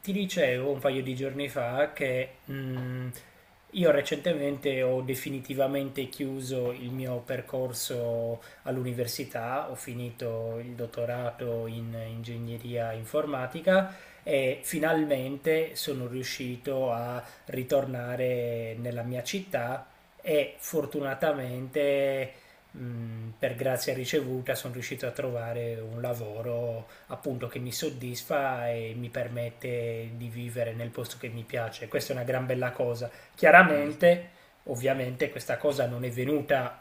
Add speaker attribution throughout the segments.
Speaker 1: Ti dicevo un paio di giorni fa che io recentemente ho definitivamente chiuso il mio percorso all'università, ho finito il dottorato in ingegneria informatica e finalmente sono riuscito a ritornare nella mia città e fortunatamente, per grazia ricevuta sono riuscito a trovare un lavoro appunto che mi soddisfa e mi permette di vivere nel posto che mi piace. Questa è una gran bella cosa.
Speaker 2: Eh, sì,
Speaker 1: Chiaramente, ovviamente, questa cosa non è venuta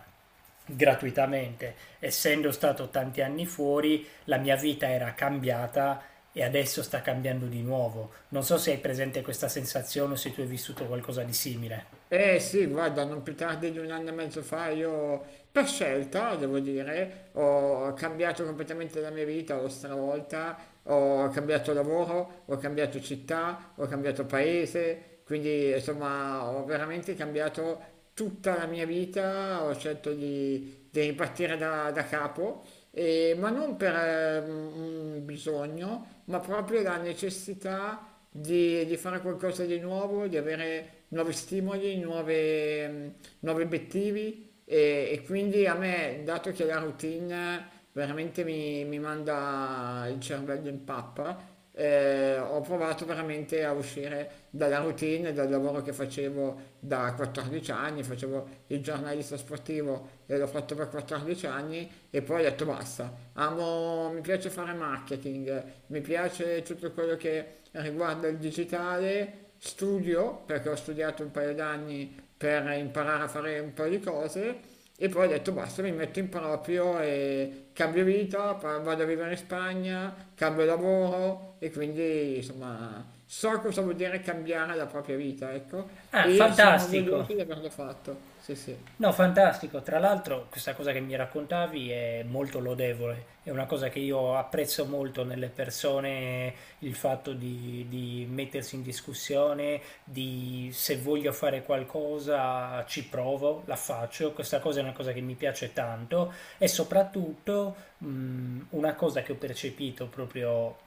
Speaker 1: gratuitamente. Essendo stato tanti anni fuori, la mia vita era cambiata e adesso sta cambiando di nuovo. Non so se hai presente questa sensazione o se tu hai vissuto qualcosa di simile.
Speaker 2: Sì, guarda, non più tardi di un anno e mezzo fa io, per scelta, devo dire, ho cambiato completamente la mia vita, l'ho stravolta, ho cambiato lavoro, ho cambiato città, ho cambiato paese, quindi insomma ho veramente cambiato tutta la mia vita, ho scelto di ripartire da capo, ma non per un bisogno, ma proprio la necessità di fare qualcosa di nuovo, di avere nuovi stimoli, nuovi obiettivi e quindi a me, dato che la routine veramente mi manda il cervello in pappa, ho provato veramente a uscire dalla routine, dal lavoro che facevo da 14 anni, facevo il giornalista sportivo e l'ho fatto per 14 anni e poi ho detto basta, amo. No, mi piace fare marketing, mi piace tutto quello che riguarda il digitale, studio perché ho studiato un paio d'anni per imparare a fare un paio di cose e poi ho detto basta, mi metto in proprio e cambio vita, vado a vivere in Spagna, cambio lavoro e quindi insomma so cosa vuol dire cambiare la propria vita, ecco,
Speaker 1: Ah,
Speaker 2: e sono
Speaker 1: fantastico!
Speaker 2: orgoglioso di averlo fatto. Sì, sì,
Speaker 1: No, fantastico. Tra l'altro, questa cosa che mi raccontavi è molto lodevole. È una cosa che io apprezzo molto nelle persone, il fatto di mettersi in discussione, di se voglio fare qualcosa ci provo, la faccio. Questa cosa è una cosa che mi piace tanto e soprattutto una cosa che ho percepito proprio,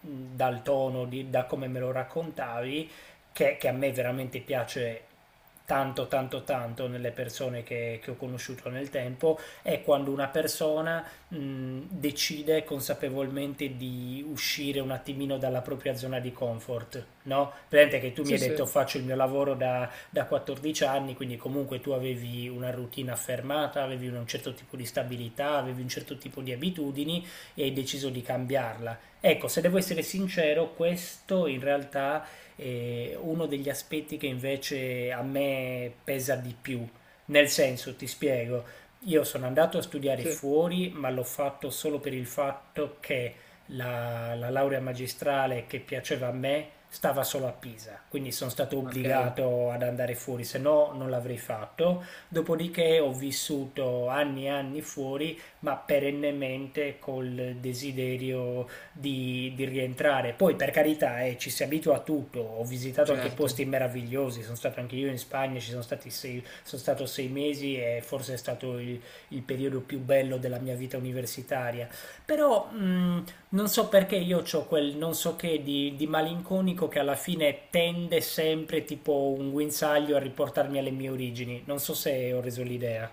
Speaker 1: mh, dal tono, da come me lo raccontavi, che a me veramente piace tanto tanto tanto nelle persone che ho conosciuto nel tempo, è quando una persona decide consapevolmente di uscire un attimino dalla propria zona di comfort, no? Presente che tu mi
Speaker 2: sì,
Speaker 1: hai
Speaker 2: sì,
Speaker 1: detto faccio il mio lavoro da 14 anni, quindi comunque tu avevi una routine affermata, avevi un certo tipo di stabilità, avevi un certo tipo di abitudini e hai deciso di cambiarla. Ecco, se devo essere sincero, questo in realtà uno degli aspetti che invece a me pesa di più. Nel senso, ti spiego, io sono andato a studiare
Speaker 2: sì.
Speaker 1: fuori, ma l'ho fatto solo per il fatto che la laurea magistrale che piaceva a me stava solo a Pisa, quindi sono stato
Speaker 2: Ok,
Speaker 1: obbligato ad andare fuori, se no non l'avrei fatto. Dopodiché ho vissuto anni e anni fuori, ma perennemente col desiderio di rientrare. Poi per carità, ci si abitua a tutto, ho visitato anche
Speaker 2: certo.
Speaker 1: posti meravigliosi, sono stato anche io in Spagna, ci sono, stati sei, sono stato sei mesi e forse è stato il periodo più bello della mia vita universitaria. Però, non so perché io ho quel non so che di malinconico che alla fine tende sempre tipo un guinzaglio a riportarmi alle mie origini, non so se ho reso l'idea.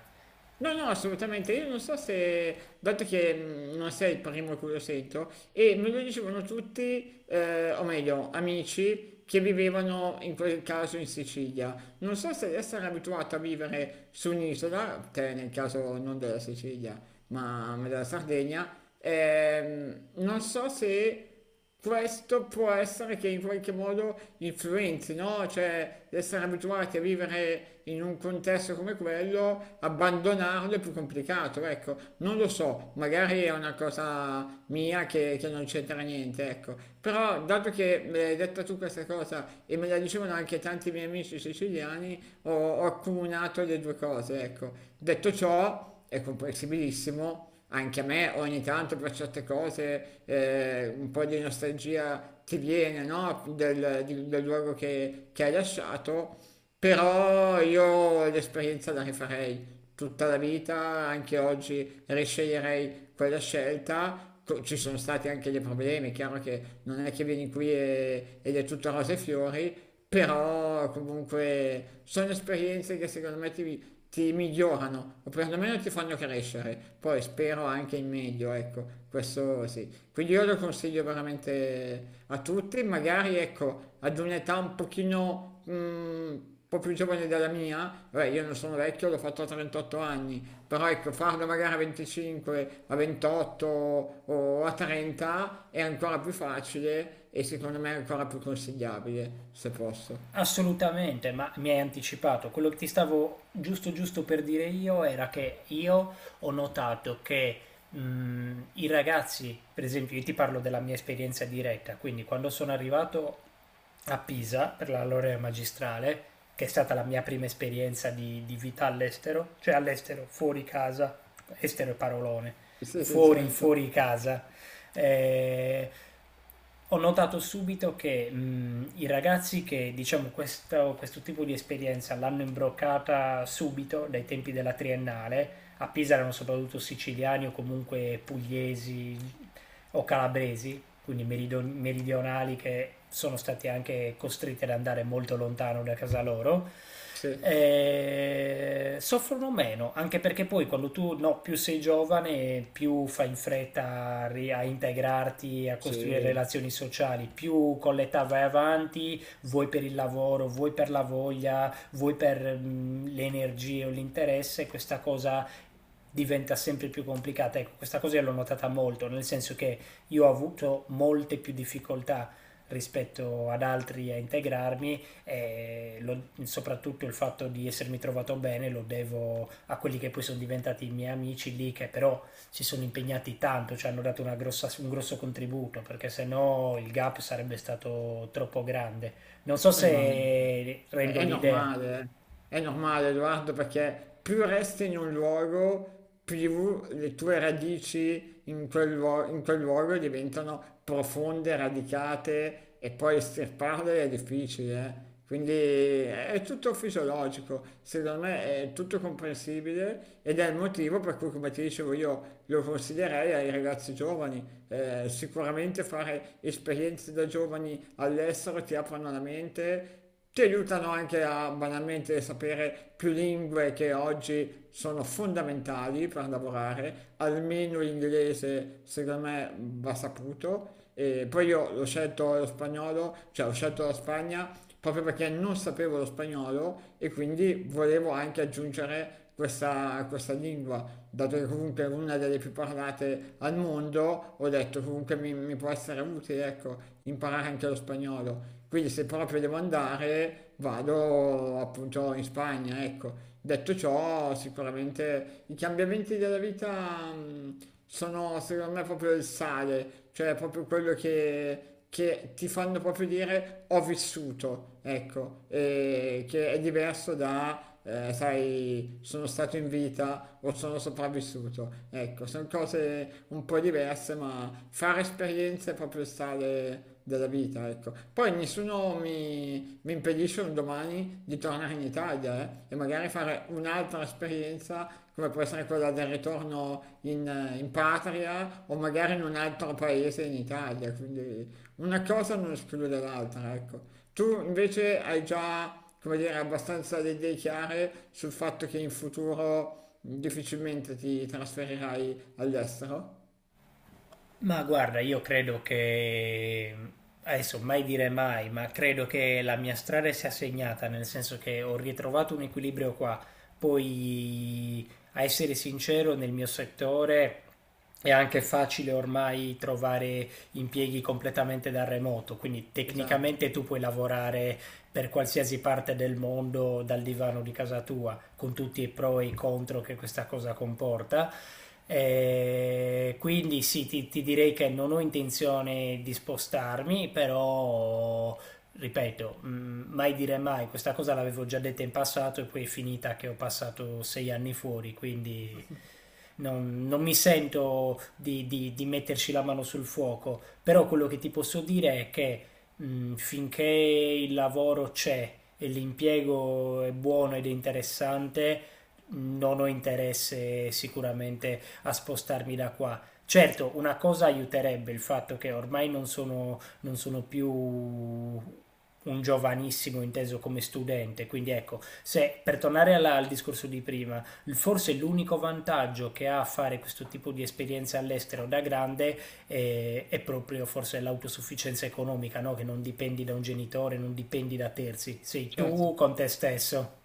Speaker 2: No, no, assolutamente. Io non so se, dato che non sei il primo a cui lo sento, e me lo dicevano tutti, o meglio, amici che vivevano in quel caso in Sicilia. Non so se essere abituato a vivere su un'isola, te nel caso non della Sicilia, ma della Sardegna. Non so se questo può essere che in qualche modo influenzi, no? Cioè, essere abituati a vivere in un contesto come quello, abbandonarlo è più complicato, ecco. Non lo so, magari è una cosa mia che non c'entra niente, ecco. Però, dato che me l'hai detta tu questa cosa e me la dicevano anche tanti miei amici siciliani, ho accomunato le due cose, ecco. Detto ciò, è comprensibilissimo anche a me ogni tanto per certe cose un po' di nostalgia ti viene, no? Del luogo che hai lasciato, però io l'esperienza la rifarei tutta la vita, anche oggi risceglierei quella scelta. Ci sono stati anche dei problemi, è chiaro che non è che vieni qui ed è tutto rose e fiori, però comunque sono esperienze che secondo me ti migliorano o perlomeno ti fanno crescere. Poi spero anche in meglio, ecco, questo sì. Quindi io lo consiglio veramente a tutti, magari ecco, ad un'età un pochino un po' più giovane della mia, beh, io non sono vecchio, l'ho fatto a 38 anni, però ecco, farlo magari a 25, a 28 o a 30 è ancora più facile e secondo me è ancora più consigliabile, se posso.
Speaker 1: Assolutamente, ma mi hai anticipato. Quello che ti stavo giusto giusto per dire io era che io ho notato che, i ragazzi, per esempio, io ti parlo della mia esperienza diretta, quindi quando sono arrivato a Pisa per la laurea magistrale, che è stata la mia prima esperienza di vita all'estero, cioè all'estero, fuori casa, estero è parolone,
Speaker 2: Sì, sì,
Speaker 1: fuori,
Speaker 2: certo.
Speaker 1: fuori casa. eh, Ho notato subito che, i ragazzi che diciamo questo, questo tipo di esperienza l'hanno imbroccata subito dai tempi della triennale a Pisa erano soprattutto siciliani o comunque pugliesi o calabresi, quindi meridionali che sono stati anche costretti ad andare molto lontano da casa loro.
Speaker 2: Sì,
Speaker 1: Soffrono meno, anche perché poi quando tu, no, più sei giovane, più fai in fretta a, a integrarti, a costruire
Speaker 2: sì.
Speaker 1: relazioni sociali, più con l'età vai avanti, vuoi per il lavoro, vuoi per la voglia, vuoi per, le energie o l'interesse, questa cosa diventa sempre più complicata. Ecco, questa cosa io l'ho notata molto, nel senso che io ho avuto molte più difficoltà rispetto ad altri a integrarmi, e soprattutto il fatto di essermi trovato bene lo devo a quelli che poi sono diventati i miei amici lì, che però si sono impegnati tanto, ci hanno dato un grosso contributo, perché se no il gap sarebbe stato troppo grande. Non so
Speaker 2: Ma
Speaker 1: se rendo
Speaker 2: è
Speaker 1: l'idea.
Speaker 2: normale, eh. È normale, Edoardo, perché più resti in un luogo, più le tue radici in quel, in quel luogo diventano profonde, radicate e poi estirparle è difficile, eh. Quindi è tutto fisiologico, secondo me è tutto comprensibile ed è il motivo per cui, come ti dicevo, io lo consiglierei ai ragazzi giovani. Sicuramente fare esperienze da giovani all'estero ti aprono la mente, ti aiutano anche a banalmente sapere più lingue che oggi sono fondamentali per lavorare, almeno l'inglese secondo me va saputo. E poi io l'ho scelto lo spagnolo, cioè ho scelto la Spagna proprio perché non sapevo lo spagnolo e quindi volevo anche aggiungere questa lingua, dato che comunque è una delle più parlate al mondo, ho detto comunque mi può essere utile, ecco, imparare anche lo spagnolo. Quindi se proprio devo andare, vado appunto in Spagna, ecco. Detto ciò, sicuramente i cambiamenti della vita sono secondo me proprio il sale, cioè proprio quello che ti fanno proprio dire ho vissuto, ecco, e che è diverso da, sai, sono stato in vita o sono sopravvissuto. Ecco, sono cose un po' diverse, ma fare esperienze è proprio il sale della vita, ecco. Poi nessuno mi impedisce un domani di tornare in Italia, e magari fare un'altra esperienza come può essere quella del ritorno in, in patria o magari in un altro paese in Italia, quindi una cosa non esclude l'altra, ecco. Tu invece hai già, come dire, abbastanza le idee chiare sul fatto che in futuro difficilmente ti trasferirai all'estero?
Speaker 1: Ma guarda, io credo che, adesso mai dire mai, ma credo che la mia strada sia segnata, nel senso che ho ritrovato un equilibrio qua. Poi, a essere sincero, nel mio settore è anche facile ormai trovare impieghi completamente da remoto, quindi
Speaker 2: Esatto,
Speaker 1: tecnicamente tu puoi lavorare per qualsiasi parte del mondo dal divano di casa tua, con tutti i pro e i contro che questa cosa comporta. Quindi sì, ti direi che non ho intenzione di spostarmi, però ripeto, mai dire mai, questa cosa l'avevo già detta in passato e poi è finita che ho passato sei anni fuori, quindi non mi sento di metterci la mano sul fuoco, però quello che ti posso dire è che, finché il lavoro c'è e l'impiego è buono ed è interessante, non ho interesse sicuramente a spostarmi da qua. Certo, una cosa aiuterebbe il fatto che ormai non sono più un giovanissimo inteso come studente, quindi ecco, se per tornare al discorso di prima, forse l'unico vantaggio che ha a fare questo tipo di esperienza all'estero da grande, è proprio forse l'autosufficienza economica, no? Che non dipendi da un genitore, non dipendi da terzi, sei tu
Speaker 2: certo.
Speaker 1: con te stesso.